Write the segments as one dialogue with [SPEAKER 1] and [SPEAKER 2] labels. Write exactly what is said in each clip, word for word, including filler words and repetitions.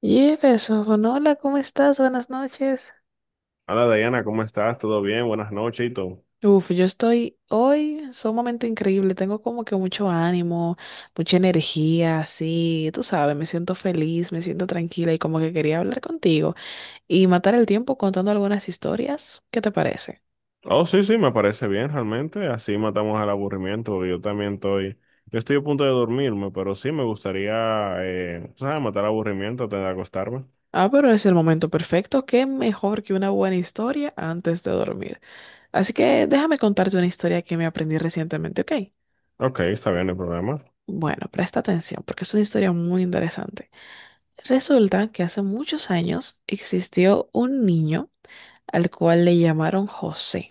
[SPEAKER 1] Jefferson, hola, ¿cómo estás? Buenas noches.
[SPEAKER 2] Hola Diana, ¿cómo estás? ¿Todo bien? Buenas noches y todo.
[SPEAKER 1] Uf, yo estoy hoy sumamente increíble, tengo como que mucho ánimo, mucha energía, sí. Tú sabes, me siento feliz, me siento tranquila y como que quería hablar contigo y matar el tiempo contando algunas historias, ¿qué te parece?
[SPEAKER 2] Oh, sí, sí, me parece bien realmente. Así matamos al aburrimiento, porque yo también estoy, yo estoy a punto de dormirme, pero sí me gustaría, eh, ¿sabes? Matar aburrimiento antes de acostarme.
[SPEAKER 1] Ah, pero es el momento perfecto, qué mejor que una buena historia antes de dormir. Así que déjame contarte una historia que me aprendí recientemente, ¿ok?
[SPEAKER 2] Ok, está bien, no hay problema.
[SPEAKER 1] Bueno, presta atención porque es una historia muy interesante. Resulta que hace muchos años existió un niño al cual le llamaron José.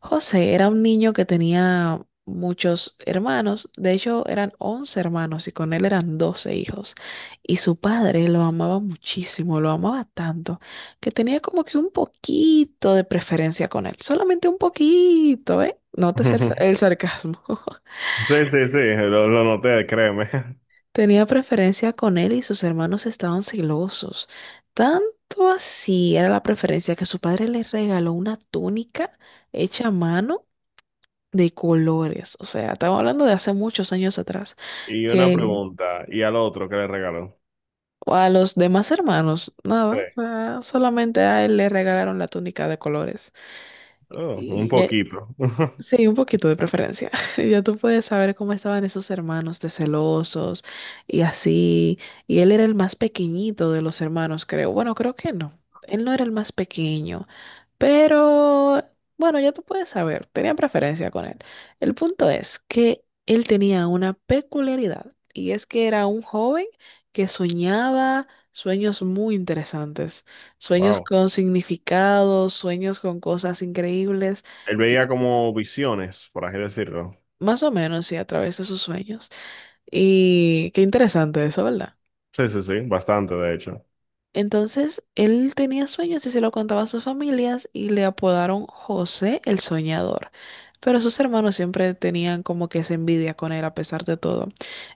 [SPEAKER 1] José era un niño que tenía muchos hermanos, de hecho eran once hermanos y con él eran doce hijos. Y su padre lo amaba muchísimo, lo amaba tanto, que tenía como que un poquito de preferencia con él, solamente un poquito, ¿eh? Notes el, sa- el sarcasmo.
[SPEAKER 2] Sí, sí, sí, lo, lo noté, créeme.
[SPEAKER 1] Tenía preferencia con él y sus hermanos estaban celosos. Tanto así era la preferencia que su padre le regaló una túnica hecha a mano de colores. O sea, estaba hablando de hace muchos años atrás,
[SPEAKER 2] Y una
[SPEAKER 1] que
[SPEAKER 2] pregunta, ¿y al otro qué le regaló?
[SPEAKER 1] a los demás hermanos,
[SPEAKER 2] Sí.
[SPEAKER 1] nada, ah, solamente a él le regalaron la túnica de colores.
[SPEAKER 2] Oh, un
[SPEAKER 1] Y,
[SPEAKER 2] poquito.
[SPEAKER 1] Sí, un poquito de preferencia. Ya tú puedes saber cómo estaban esos hermanos de celosos y así. Y él era el más pequeñito de los hermanos, creo. Bueno, creo que no. Él no era el más pequeño, pero bueno, ya tú puedes saber. Tenían preferencia con él. El punto es que él tenía una peculiaridad y es que era un joven que soñaba sueños muy interesantes, sueños
[SPEAKER 2] Wow.
[SPEAKER 1] con significados, sueños con cosas increíbles.
[SPEAKER 2] Él veía como visiones, por así decirlo.
[SPEAKER 1] Más o menos, sí, a través de sus sueños. Y qué interesante eso, ¿verdad?
[SPEAKER 2] Sí, sí, sí, bastante de hecho.
[SPEAKER 1] Entonces, él tenía sueños y se lo contaba a sus familias y le apodaron José el Soñador. Pero sus hermanos siempre tenían como que esa envidia con él a pesar de todo.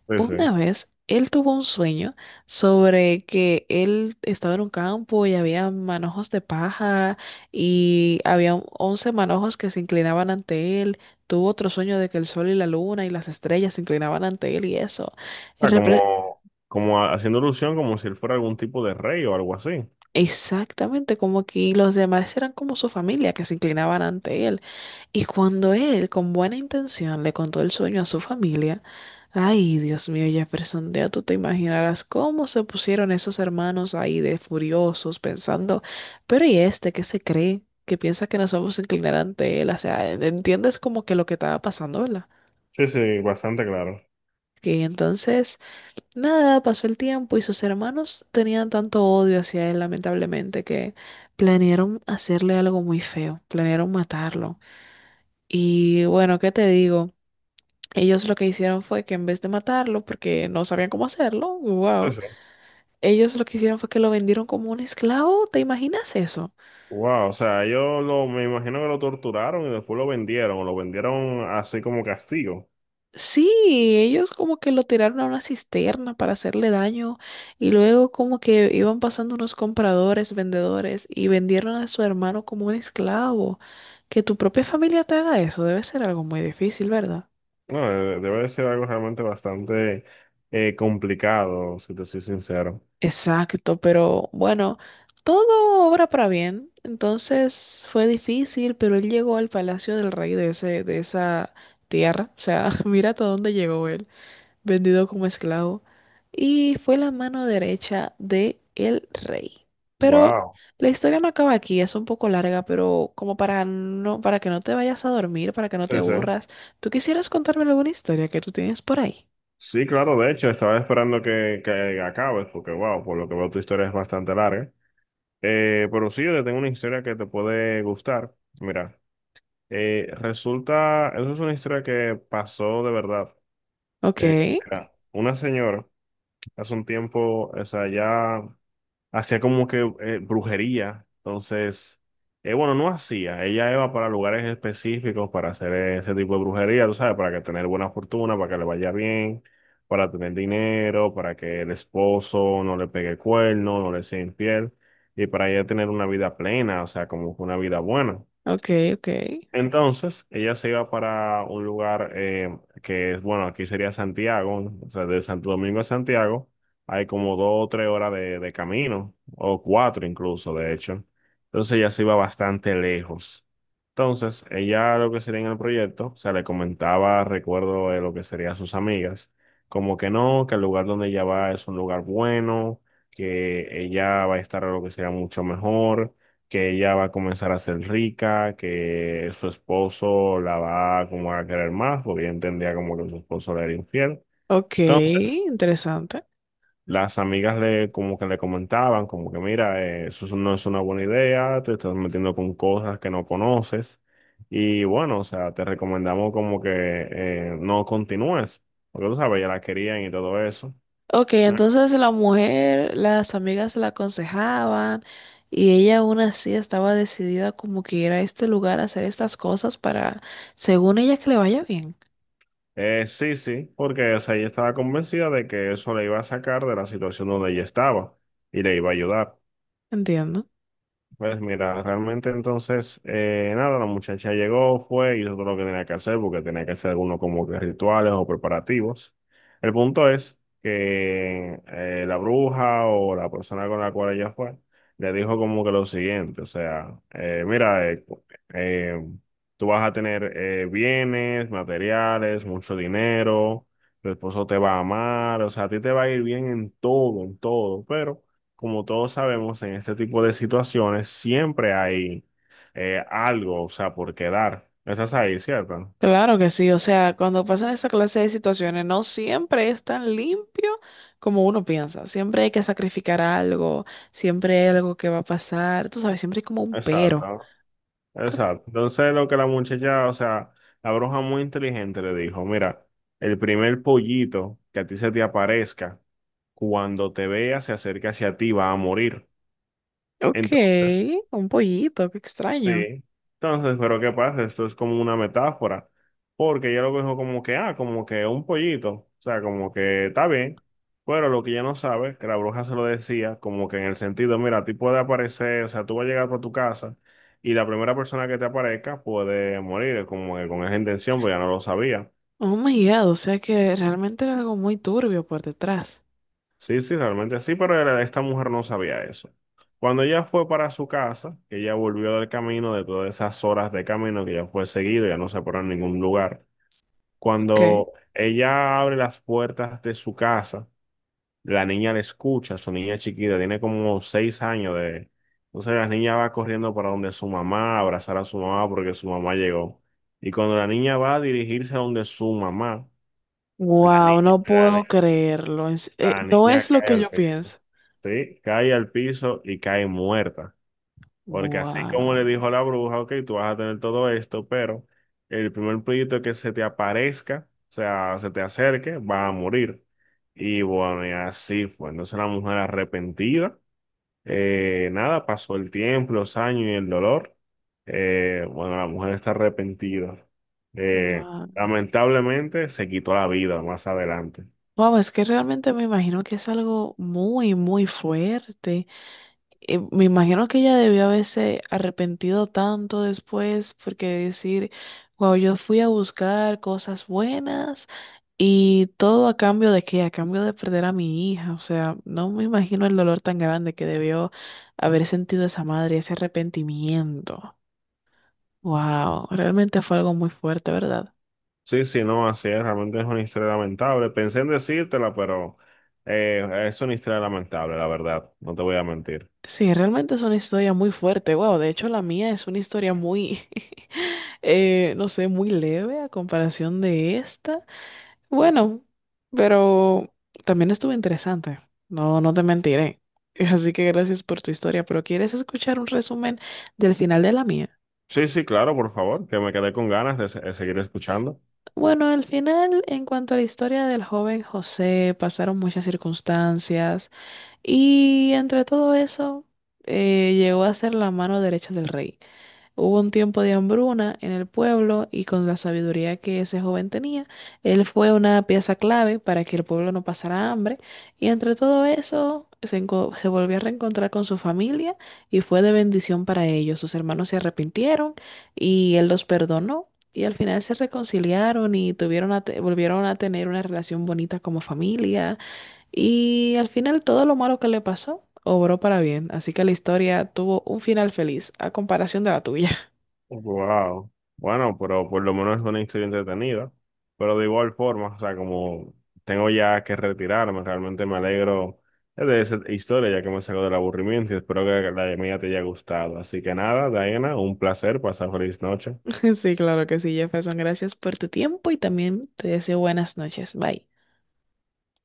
[SPEAKER 2] Sí, sí.
[SPEAKER 1] Una vez él tuvo un sueño sobre que él estaba en un campo y había manojos de paja y había once manojos que se inclinaban ante él. Tuvo otro sueño de que el sol y la luna y las estrellas se inclinaban ante él y eso. En,
[SPEAKER 2] Sea,
[SPEAKER 1] repre-
[SPEAKER 2] como, como haciendo ilusión como si él fuera algún tipo de rey o algo así.
[SPEAKER 1] Exactamente, como que los demás eran como su familia que se inclinaban ante él. Y cuando él, con buena intención, le contó el sueño a su familia, ay, Dios mío, Jefferson, ya tú te imaginarás cómo se pusieron esos hermanos ahí de furiosos, pensando, pero ¿y este qué se cree? Que piensa que nos vamos a inclinar ante él. O sea, entiendes como que lo que estaba pasando, ¿verdad?
[SPEAKER 2] Sí, sí, bastante claro.
[SPEAKER 1] Y entonces... Nada, pasó el tiempo y sus hermanos tenían tanto odio hacia él, lamentablemente, que planearon hacerle algo muy feo, planearon matarlo. Y bueno, ¿qué te digo? Ellos lo que hicieron fue que en vez de matarlo, porque no sabían cómo hacerlo,
[SPEAKER 2] Sí,
[SPEAKER 1] wow,
[SPEAKER 2] sí.
[SPEAKER 1] ellos lo que hicieron fue que lo vendieron como un esclavo, ¿te imaginas eso?
[SPEAKER 2] Wow, o sea, ellos lo, me imagino que lo torturaron y después lo vendieron, o lo vendieron así como castigo.
[SPEAKER 1] Sí, ellos como que lo tiraron a una cisterna para hacerle daño y luego como que iban pasando unos compradores, vendedores y vendieron a su hermano como un esclavo. Que tu propia familia te haga eso debe ser algo muy difícil, ¿verdad?
[SPEAKER 2] No, eh, debe de ser algo realmente bastante eh, complicado, si te soy sincero.
[SPEAKER 1] Exacto, pero bueno, todo obra para bien. Entonces fue difícil, pero él llegó al palacio del rey de ese, de esa tierra. O sea, mira hasta dónde llegó él. Vendido como esclavo, y fue la mano derecha de el rey. Pero
[SPEAKER 2] Wow,
[SPEAKER 1] la historia no acaba aquí, es un poco larga, pero como para no, para que no te vayas a dormir, para que no te
[SPEAKER 2] sí, sí.
[SPEAKER 1] aburras, ¿tú quisieras contarme alguna historia que tú tienes por ahí?
[SPEAKER 2] Sí, claro, de hecho, estaba esperando que, que acabes, porque wow, por lo que veo tu historia es bastante larga. Eh, pero sí, yo te tengo una historia que te puede gustar. Mira. Eh, resulta, eso es una historia que pasó de verdad.
[SPEAKER 1] Ok,
[SPEAKER 2] Eh, Era una señora hace un tiempo, o sea, ya hacía como que eh, brujería. Entonces, eh, bueno, no hacía. Ella iba para lugares específicos para hacer ese tipo de brujería, tú sabes, para que tener buena fortuna, para que le vaya bien, para tener dinero, para que el esposo no le pegue cuerno, no le sea infiel y para ella tener una vida plena, o sea, como que una vida buena.
[SPEAKER 1] ok, ok,
[SPEAKER 2] Entonces, ella se iba para un lugar eh, que es, bueno, aquí sería Santiago, o sea, de Santo Domingo a Santiago, hay como dos o tres horas de, de camino, o cuatro incluso, de hecho. Entonces, ella se iba bastante lejos. Entonces, ella lo que sería en el proyecto, o sea, le comentaba, recuerdo de lo que sería a sus amigas, como que no, que el lugar donde ella va es un lugar bueno, que ella va a estar lo que sería mucho mejor, que ella va a comenzar a ser rica, que su esposo la va como a querer más, porque ella entendía como que su esposo le era infiel.
[SPEAKER 1] ok,
[SPEAKER 2] Entonces,
[SPEAKER 1] interesante.
[SPEAKER 2] las amigas le como que le comentaban, como que mira, eh, eso es- no es una buena idea, te estás metiendo con cosas que no conoces. Y bueno, o sea, te recomendamos como que eh, no continúes, porque tú sabes, ya la querían y todo eso.
[SPEAKER 1] Ok,
[SPEAKER 2] Nah.
[SPEAKER 1] entonces la mujer, las amigas la aconsejaban y ella aún así estaba decidida como que ir a este lugar a hacer estas cosas para, según ella, que le vaya bien.
[SPEAKER 2] Eh, sí, sí, porque o sea, ella estaba convencida de que eso le iba a sacar de la situación donde ella estaba y le iba a ayudar.
[SPEAKER 1] Entiendo.
[SPEAKER 2] Pues mira, realmente entonces, eh, nada, la muchacha llegó, fue, hizo todo lo que tenía que hacer, porque tenía que hacer algunos como que rituales o preparativos. El punto es que eh, la bruja o la persona con la cual ella fue, le dijo como que lo siguiente, o sea, eh, mira, eh, eh, tú vas a tener eh, bienes, materiales, mucho dinero, tu esposo te va a amar, o sea, a ti te va a ir bien en todo, en todo, pero... Como todos sabemos, en este tipo de situaciones siempre hay eh, algo, o sea, por quedar. Esa es ahí, ¿cierto?
[SPEAKER 1] Claro que sí, o sea, cuando pasan esa clase de situaciones, no siempre es tan limpio como uno piensa. Siempre hay que sacrificar algo, siempre hay algo que va a pasar, tú sabes, siempre hay como un pero.
[SPEAKER 2] Exacto, exacto. Entonces lo que la muchacha, o sea, la bruja muy inteligente le dijo, mira, el primer pollito que a ti se te aparezca, cuando te vea, se acerca hacia ti, va a morir.
[SPEAKER 1] Ok,
[SPEAKER 2] Entonces,
[SPEAKER 1] un pollito, qué extraño.
[SPEAKER 2] sí, entonces, pero ¿qué pasa? Esto es como una metáfora, porque ella lo dijo como que, ah, como que un pollito, o sea, como que está bien, pero lo que ella no sabe, que la bruja se lo decía, como que en el sentido, mira, a ti puede aparecer, o sea, tú vas a llegar por tu casa y la primera persona que te aparezca puede morir, como que con esa intención, pues ya no lo sabía.
[SPEAKER 1] Oh my God, o sea que realmente era algo muy turbio por detrás.
[SPEAKER 2] Sí, sí, realmente sí, pero era- esta mujer no sabía eso. Cuando ella fue para su casa, que ella volvió del camino, de todas esas horas de camino que ella fue seguido, ya no se paró en ningún lugar.
[SPEAKER 1] Ok.
[SPEAKER 2] Cuando ella abre las puertas de su casa, la niña le escucha, su niña chiquita, tiene como seis años de... Entonces la niña va corriendo para donde su mamá, a abrazar a su mamá porque su mamá llegó. Y cuando la niña va a dirigirse a donde su mamá, la
[SPEAKER 1] Wow,
[SPEAKER 2] niña,
[SPEAKER 1] no
[SPEAKER 2] la, ni-
[SPEAKER 1] puedo creerlo. En se- eh,
[SPEAKER 2] la
[SPEAKER 1] no
[SPEAKER 2] niña
[SPEAKER 1] es lo
[SPEAKER 2] cae
[SPEAKER 1] que
[SPEAKER 2] al
[SPEAKER 1] yo
[SPEAKER 2] piso.
[SPEAKER 1] pienso.
[SPEAKER 2] Sí, cae al piso y cae muerta. Porque así como le dijo la bruja, ok, tú vas a tener todo esto, pero el primer proyecto que se te aparezca, o sea, se te acerque, va a morir. Y bueno, y así fue. Entonces la mujer arrepentida, eh, nada, pasó el tiempo, los años y el dolor. Eh, bueno, la mujer está arrepentida. Eh,
[SPEAKER 1] Wow.
[SPEAKER 2] Lamentablemente se quitó la vida más adelante.
[SPEAKER 1] Wow, es que realmente me imagino que es algo muy, muy fuerte. Eh, me imagino que ella debió haberse arrepentido tanto después, porque decir, wow, yo fui a buscar cosas buenas y todo a cambio de qué, a cambio de perder a mi hija. O sea, no me imagino el dolor tan grande que debió haber sentido esa madre, ese arrepentimiento. Wow, realmente fue algo muy fuerte, ¿verdad?
[SPEAKER 2] Sí, sí, no, así es, realmente es una historia lamentable. Pensé en decírtela, pero eh, es una historia lamentable, la verdad, no te voy a mentir.
[SPEAKER 1] Sí, realmente es una historia muy fuerte, wow. De hecho, la mía es una historia muy, eh, no sé, muy leve a comparación de esta. Bueno, pero también estuvo interesante. No, no te mentiré. Así que gracias por tu historia, pero ¿quieres escuchar un resumen del final de la mía?
[SPEAKER 2] Sí, sí, claro, por favor, que me quedé con ganas de, se- de seguir escuchando.
[SPEAKER 1] Bueno, al final, en cuanto a la historia del joven José, pasaron muchas circunstancias y entre todo eso, eh, llegó a ser la mano derecha del rey. Hubo un tiempo de hambruna en el pueblo y con la sabiduría que ese joven tenía, él fue una pieza clave para que el pueblo no pasara hambre y entre todo eso se, enco- se volvió a reencontrar con su familia y fue de bendición para ellos. Sus hermanos se arrepintieron y él los perdonó y al final se reconciliaron y tuvieron a te- volvieron a tener una relación bonita como familia y al final todo lo malo que le pasó obró para bien, así que la historia tuvo un final feliz a comparación de la tuya.
[SPEAKER 2] Wow. Bueno, pero por lo menos es una historia entretenida. Pero de igual forma, o sea, como tengo ya que retirarme, realmente me alegro de esa historia, ya que me sacó del aburrimiento y espero que la mía te haya gustado. Así que nada, Diana, un placer, pasar feliz noche.
[SPEAKER 1] Sí, claro que sí, Jefferson. Gracias por tu tiempo y también te deseo buenas noches. Bye.